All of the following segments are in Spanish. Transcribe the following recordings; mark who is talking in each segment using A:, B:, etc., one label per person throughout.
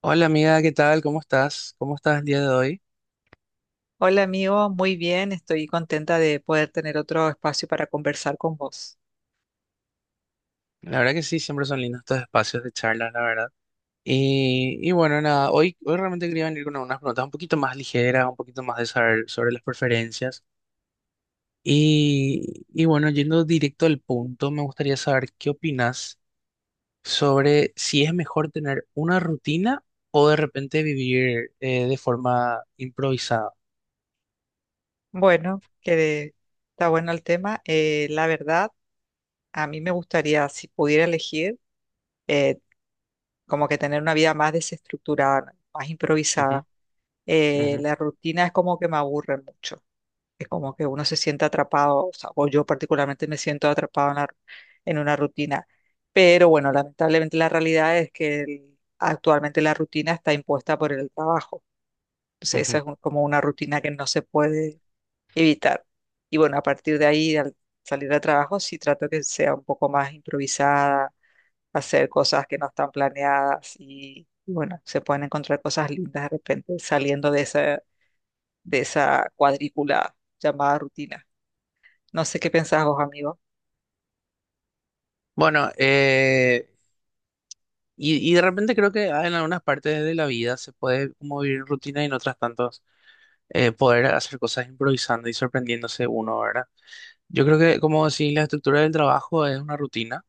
A: Hola amiga, ¿qué tal? ¿Cómo estás? ¿Cómo estás el día de hoy?
B: Hola amigo, muy bien, estoy contenta de poder tener otro espacio para conversar con vos.
A: La verdad que sí, siempre son lindos estos espacios de charla, la verdad. Y bueno, nada, hoy realmente quería venir con unas preguntas un poquito más ligeras, un poquito más de saber sobre las preferencias. Y bueno, yendo directo al punto, me gustaría saber qué opinas sobre si es mejor tener una rutina o de repente vivir de forma improvisada.
B: Bueno, que está bueno el tema. La verdad, a mí me gustaría, si pudiera elegir, eh, como que tener una vida más desestructurada, más
A: Ujú,
B: improvisada. Eh,
A: ujú,
B: la rutina es como que me aburre mucho, es como que uno se siente atrapado, o sea, o yo particularmente me siento atrapado en en una rutina. Pero bueno, lamentablemente la realidad es que actualmente la rutina está impuesta por el trabajo. Entonces, esa
A: ujú.
B: es como una rutina que no se puede evitar. Y bueno, a partir de ahí, al salir de trabajo, sí trato que sea un poco más improvisada, hacer cosas que no están planeadas y bueno, se pueden encontrar cosas lindas de repente saliendo de esa cuadrícula llamada rutina. No sé qué pensás vos, amigo.
A: Bueno, y de repente creo que en algunas partes de la vida se puede como vivir en rutina y en otras tantos poder hacer cosas improvisando y sorprendiéndose uno, ¿verdad? Yo creo que, como decís, la estructura del trabajo es una rutina,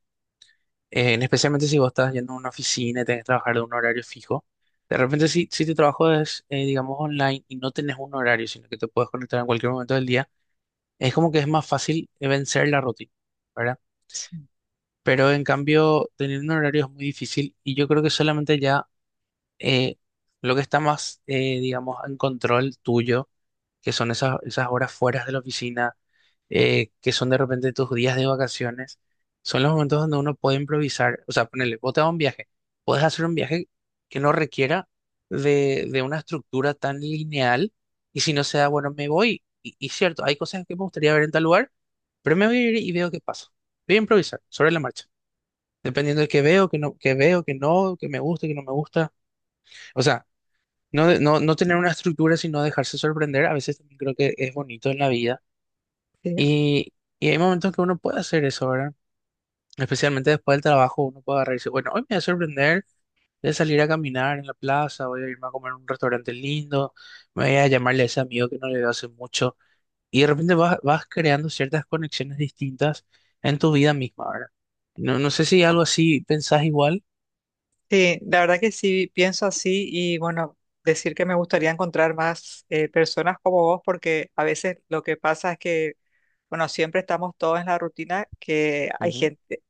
A: en especialmente si vos estás yendo a una oficina y tenés que trabajar de un horario fijo. De repente si tu trabajo es, digamos, online y no tenés un horario, sino que te puedes conectar en cualquier momento del día, es como que es más fácil vencer la rutina, ¿verdad?
B: Sí,
A: Pero en cambio, tener un horario es muy difícil y yo creo que solamente ya eh, lo que está más, digamos, en control tuyo, que son esas horas fuera de la oficina, que son de repente tus días de vacaciones, son los momentos donde uno puede improvisar, o sea, ponele, vos te vas a un viaje, puedes hacer un viaje que no requiera de una estructura tan lineal, y si no se da, bueno, me voy, y cierto, hay cosas que me gustaría ver en tal lugar, pero me voy a ir y veo qué pasa. Voy a improvisar sobre la marcha. Dependiendo de qué veo, que no, que veo, que no, que me gusta, que no me gusta. O sea, no, no tener una estructura, sino dejarse sorprender, a veces también creo que es bonito en la vida.
B: sí,
A: Y, y hay momentos que uno puede hacer eso, ¿verdad? Especialmente después del trabajo, uno puede agarrar y decir, bueno, hoy me voy a sorprender, voy a salir a caminar en la plaza, voy a irme a comer a un restaurante lindo, me voy a llamarle a ese amigo que no le veo hace mucho. Y de repente vas creando ciertas conexiones distintas en tu vida misma, ¿verdad? No, no sé si algo así pensás igual.
B: sí, la verdad que sí pienso así y bueno, decir que me gustaría encontrar más personas como vos porque a veces lo que pasa es que bueno, siempre estamos todos en la rutina que hay
A: Ujú,
B: gente,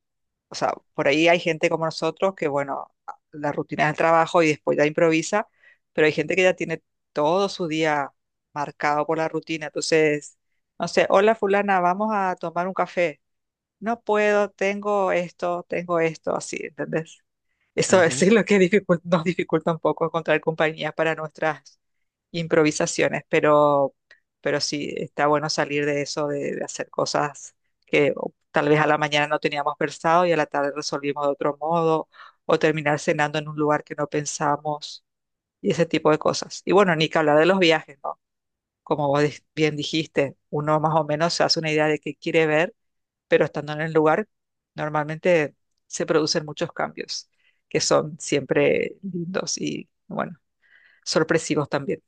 B: o sea, por ahí hay gente como nosotros que, bueno, la rutina es el trabajo y después ya improvisa, pero hay gente que ya tiene todo su día marcado por la rutina. Entonces, no sé, hola fulana, vamos a tomar un café. No puedo, tengo esto, así, ¿entendés? Eso
A: ujú.
B: es lo que nos dificulta un poco encontrar compañía para nuestras improvisaciones, pero sí, está bueno salir de eso, de hacer cosas que o, tal vez a la mañana no teníamos pensado y a la tarde resolvimos de otro modo, o terminar cenando en un lugar que no pensamos, y ese tipo de cosas. Y bueno, ni que hablar de los viajes, ¿no? Como vos bien dijiste, uno más o menos se hace una idea de qué quiere ver pero estando en el lugar, normalmente se producen muchos cambios que son siempre lindos y, bueno, sorpresivos también.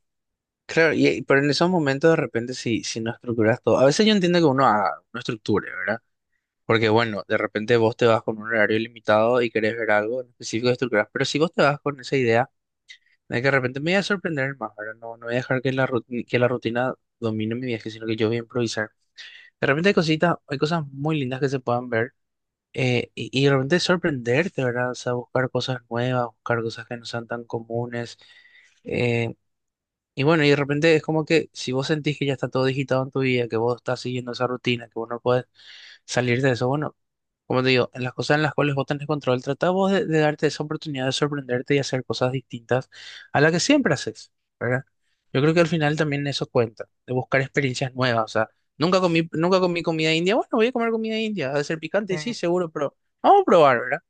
A: Claro, pero en esos momentos de repente si no estructuras todo, a veces yo entiendo que uno estructure, ¿verdad? Porque bueno, de repente vos te vas con un horario limitado y querés ver algo en específico de estructuras, pero si vos te vas con esa idea de que de repente me voy a sorprender más, ¿verdad? No, no voy a dejar que que la rutina domine mi viaje, sino que yo voy a improvisar. De repente hay cositas, hay cosas muy lindas que se puedan ver y de repente sorprenderte, ¿verdad? O sea, buscar cosas nuevas, buscar cosas que no sean tan comunes. eh, y bueno, y de repente es como que si vos sentís que ya está todo digitado en tu vida, que vos estás siguiendo esa rutina, que vos no puedes salir de eso, bueno, como te digo, en las cosas en las cuales vos tenés control, tratá vos de darte esa oportunidad de sorprenderte y hacer cosas distintas a las que siempre haces, ¿verdad? Yo creo que al final también eso cuenta, de buscar experiencias nuevas, o sea, nunca comí comida india, bueno, voy a comer comida india, ha de ser picante, y sí,
B: Eh,
A: seguro, pero vamos a probar, ¿verdad?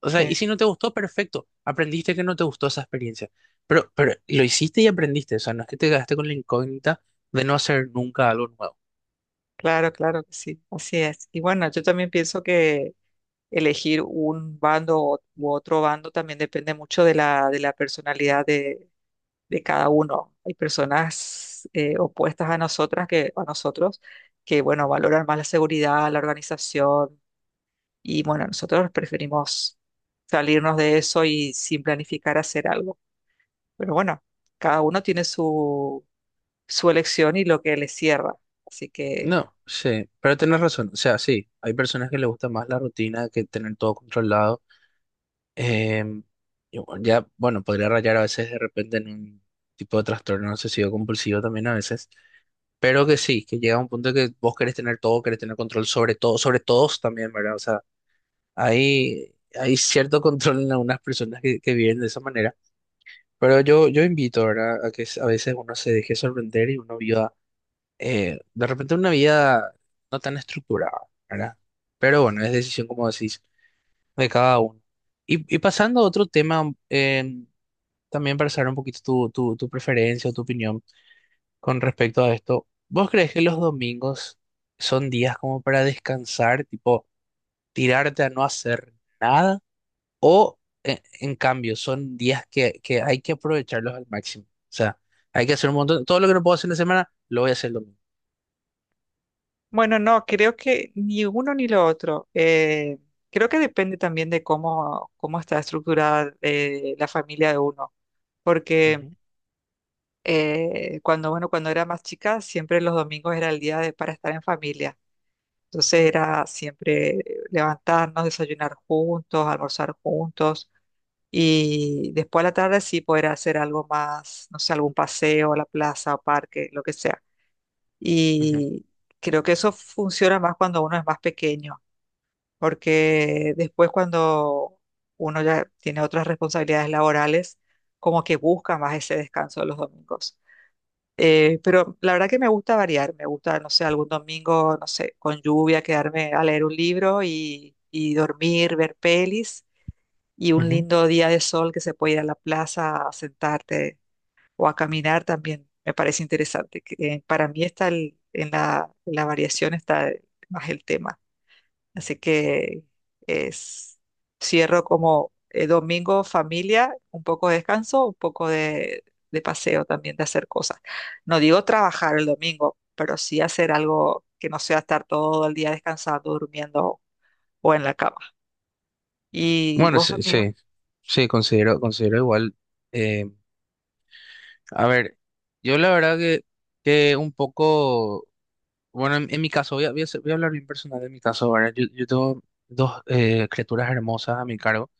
A: O sea, y
B: Sí,
A: si no te gustó, perfecto. Aprendiste que no te gustó esa experiencia. Pero lo hiciste y aprendiste. O sea, no es que te quedaste con la incógnita de no hacer nunca algo nuevo.
B: claro, claro que sí, así es. Y bueno, yo también pienso que elegir un bando u otro bando también depende mucho de la personalidad de cada uno. Hay personas opuestas a nosotras que, a nosotros que, bueno, valoran más la seguridad, la organización, y bueno, nosotros preferimos salirnos de eso y sin planificar hacer algo. Pero bueno, cada uno tiene su, su elección y lo que le cierra. Así que,
A: No, sí, pero tenés razón. O sea, sí, hay personas que les gusta más la rutina que tener todo controlado. Em, y bueno, ya, bueno, podría rayar a veces de repente en un tipo de trastorno obsesivo compulsivo también a veces. Pero que sí, que llega un punto que vos querés tener todo, querés tener control sobre todo, sobre todos también, ¿verdad? O sea, hay cierto control en algunas personas que viven de esa manera, pero yo invito, ¿verdad? A que a veces uno se deje sorprender y uno viva, de repente una vida no tan estructurada, ¿verdad? Pero bueno, es decisión, como decís, de cada uno. Y pasando a otro tema, también para saber un poquito tu, tu preferencia o tu opinión con respecto a esto, ¿vos crees que los domingos son días como para descansar, tipo tirarte a no hacer nada? O en cambio, son días que, hay que aprovecharlos al máximo. O sea, hay que hacer un montón. Todo lo que no puedo hacer en la semana, lo voy a hacer el domingo.
B: bueno, no, creo que ni uno ni lo otro. Creo que depende también de cómo, cómo está estructurada la familia de uno. Porque
A: Ujú,
B: cuando, bueno, cuando era más chica, siempre los domingos era el día de, para estar en familia. Entonces era siempre levantarnos, desayunar juntos, almorzar juntos. Y después a la tarde sí poder hacer algo más, no sé, algún paseo a la plaza o parque, lo que sea.
A: ujú,
B: Y creo que eso funciona más cuando uno es más pequeño, porque después cuando uno ya tiene otras responsabilidades laborales, como que busca más ese descanso de los domingos. Pero la verdad que me gusta variar, me gusta, no sé, algún domingo, no sé, con lluvia, quedarme a leer un libro y dormir, ver pelis y un
A: ujú.
B: lindo día de sol que se puede ir a la plaza a sentarte o a caminar también me parece interesante. Que, para mí está en la variación está más el tema. Así que es, cierro como domingo familia, un poco de descanso, un poco de paseo también, de hacer cosas. No digo trabajar el domingo, pero sí hacer algo que no sea estar todo el día descansando, durmiendo o en la cama. ¿Y
A: Bueno,
B: vos,
A: sí,
B: amigo?
A: sí, sí, considero igual. eh, a ver, yo la verdad que un poco, bueno, en mi caso, voy a hablar bien personal de mi caso, ¿verdad? Yo tengo dos criaturas hermosas a mi cargo,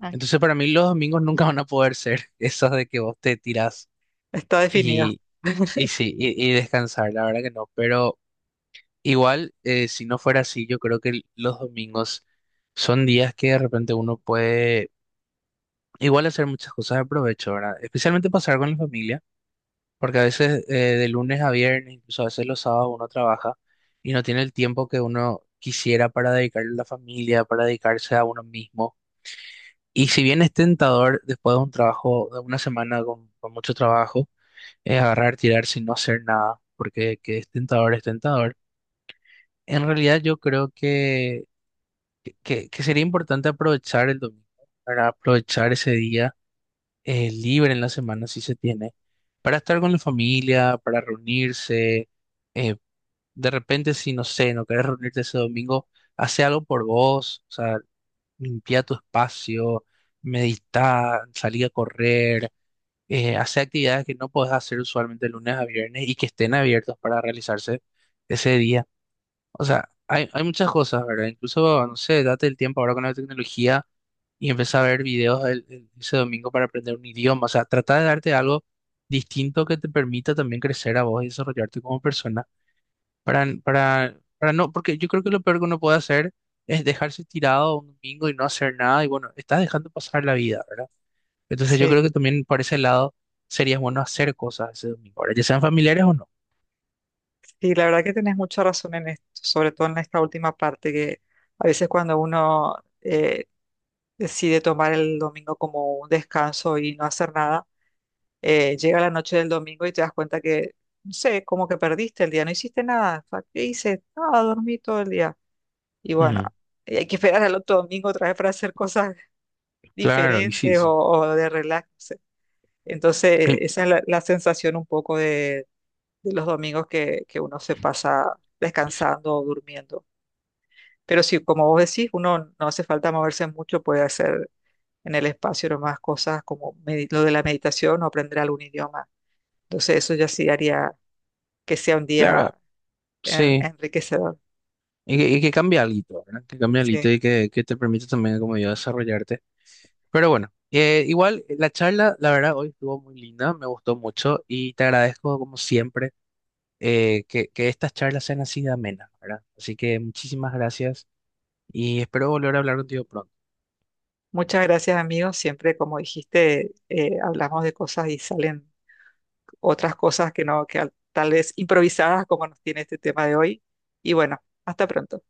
B: Ah.
A: entonces para mí los domingos nunca van a poder ser esas de que vos te tirás.
B: Está definido.
A: Y sí, y descansar, la verdad que no, pero igual, si no fuera así, yo creo que los domingos son días que de repente uno puede igual hacer muchas cosas de provecho, ¿verdad? Especialmente pasar con la familia, porque a veces de lunes a viernes, incluso a veces los sábados uno trabaja y no tiene el tiempo que uno quisiera para dedicarle a la familia, para dedicarse a uno mismo. Y si bien es tentador después de un trabajo, de una semana con mucho trabajo, es agarrar, tirarse y no hacer nada, porque que es tentador, es tentador. En realidad yo creo que sería importante aprovechar el domingo, para aprovechar ese día libre en la semana si se tiene, para estar con la familia, para reunirse. eh, de repente, si no sé, no querés reunirte ese domingo, hace algo por vos, o sea, limpia tu espacio, medita, salí a correr, hace actividades que no podés hacer usualmente lunes a viernes y que estén abiertos para realizarse ese día. O sea, hay muchas cosas, ¿verdad? Incluso, no sé, date el tiempo ahora con la tecnología y empieza a ver videos ese domingo para aprender un idioma. O sea, trata de darte algo distinto que te permita también crecer a vos y desarrollarte como persona. Para no, porque yo creo que lo peor que uno puede hacer es dejarse tirado un domingo y no hacer nada. Y bueno, estás dejando pasar la vida, ¿verdad? Entonces yo
B: Sí.
A: creo que también por ese lado sería bueno hacer cosas ese domingo, ¿verdad? Ya sean familiares o no.
B: Sí, la verdad que tenés mucha razón en esto, sobre todo en esta última parte, que a veces cuando uno eh, decide tomar el domingo como un descanso y no hacer nada, llega la noche del domingo y te das cuenta que, no sé, como que perdiste el día, no hiciste nada. O sea, ¿qué hice? Nada, dormí todo el día. Y bueno,
A: Ujú,
B: y hay que esperar al otro domingo otra vez para hacer cosas
A: claro, y sí,
B: diferentes
A: sí.
B: o de relax. No sé. Entonces,
A: Em,
B: esa es la, la sensación un poco de los domingos que uno se pasa descansando o durmiendo. Pero sí, como vos decís, uno no hace falta moverse mucho, puede hacer en el espacio nomás cosas como lo de la meditación o aprender algún idioma. Entonces eso ya sí haría que sea un
A: Claro,
B: día
A: sí.
B: enriquecedor.
A: Y que cambia algo, ¿verdad? Que cambia algo y
B: Sí.
A: que te permite también, como yo, desarrollarte. Pero bueno, igual la charla, la verdad, hoy estuvo muy linda, me gustó mucho y te agradezco, como siempre, que estas charlas sean así de amenas, ¿verdad? Así que muchísimas gracias y espero volver a hablar contigo pronto.
B: Muchas gracias, amigos. Siempre, como dijiste, hablamos de cosas y salen otras cosas que no, que tal vez improvisadas, como nos tiene este tema de hoy. Y bueno, hasta pronto.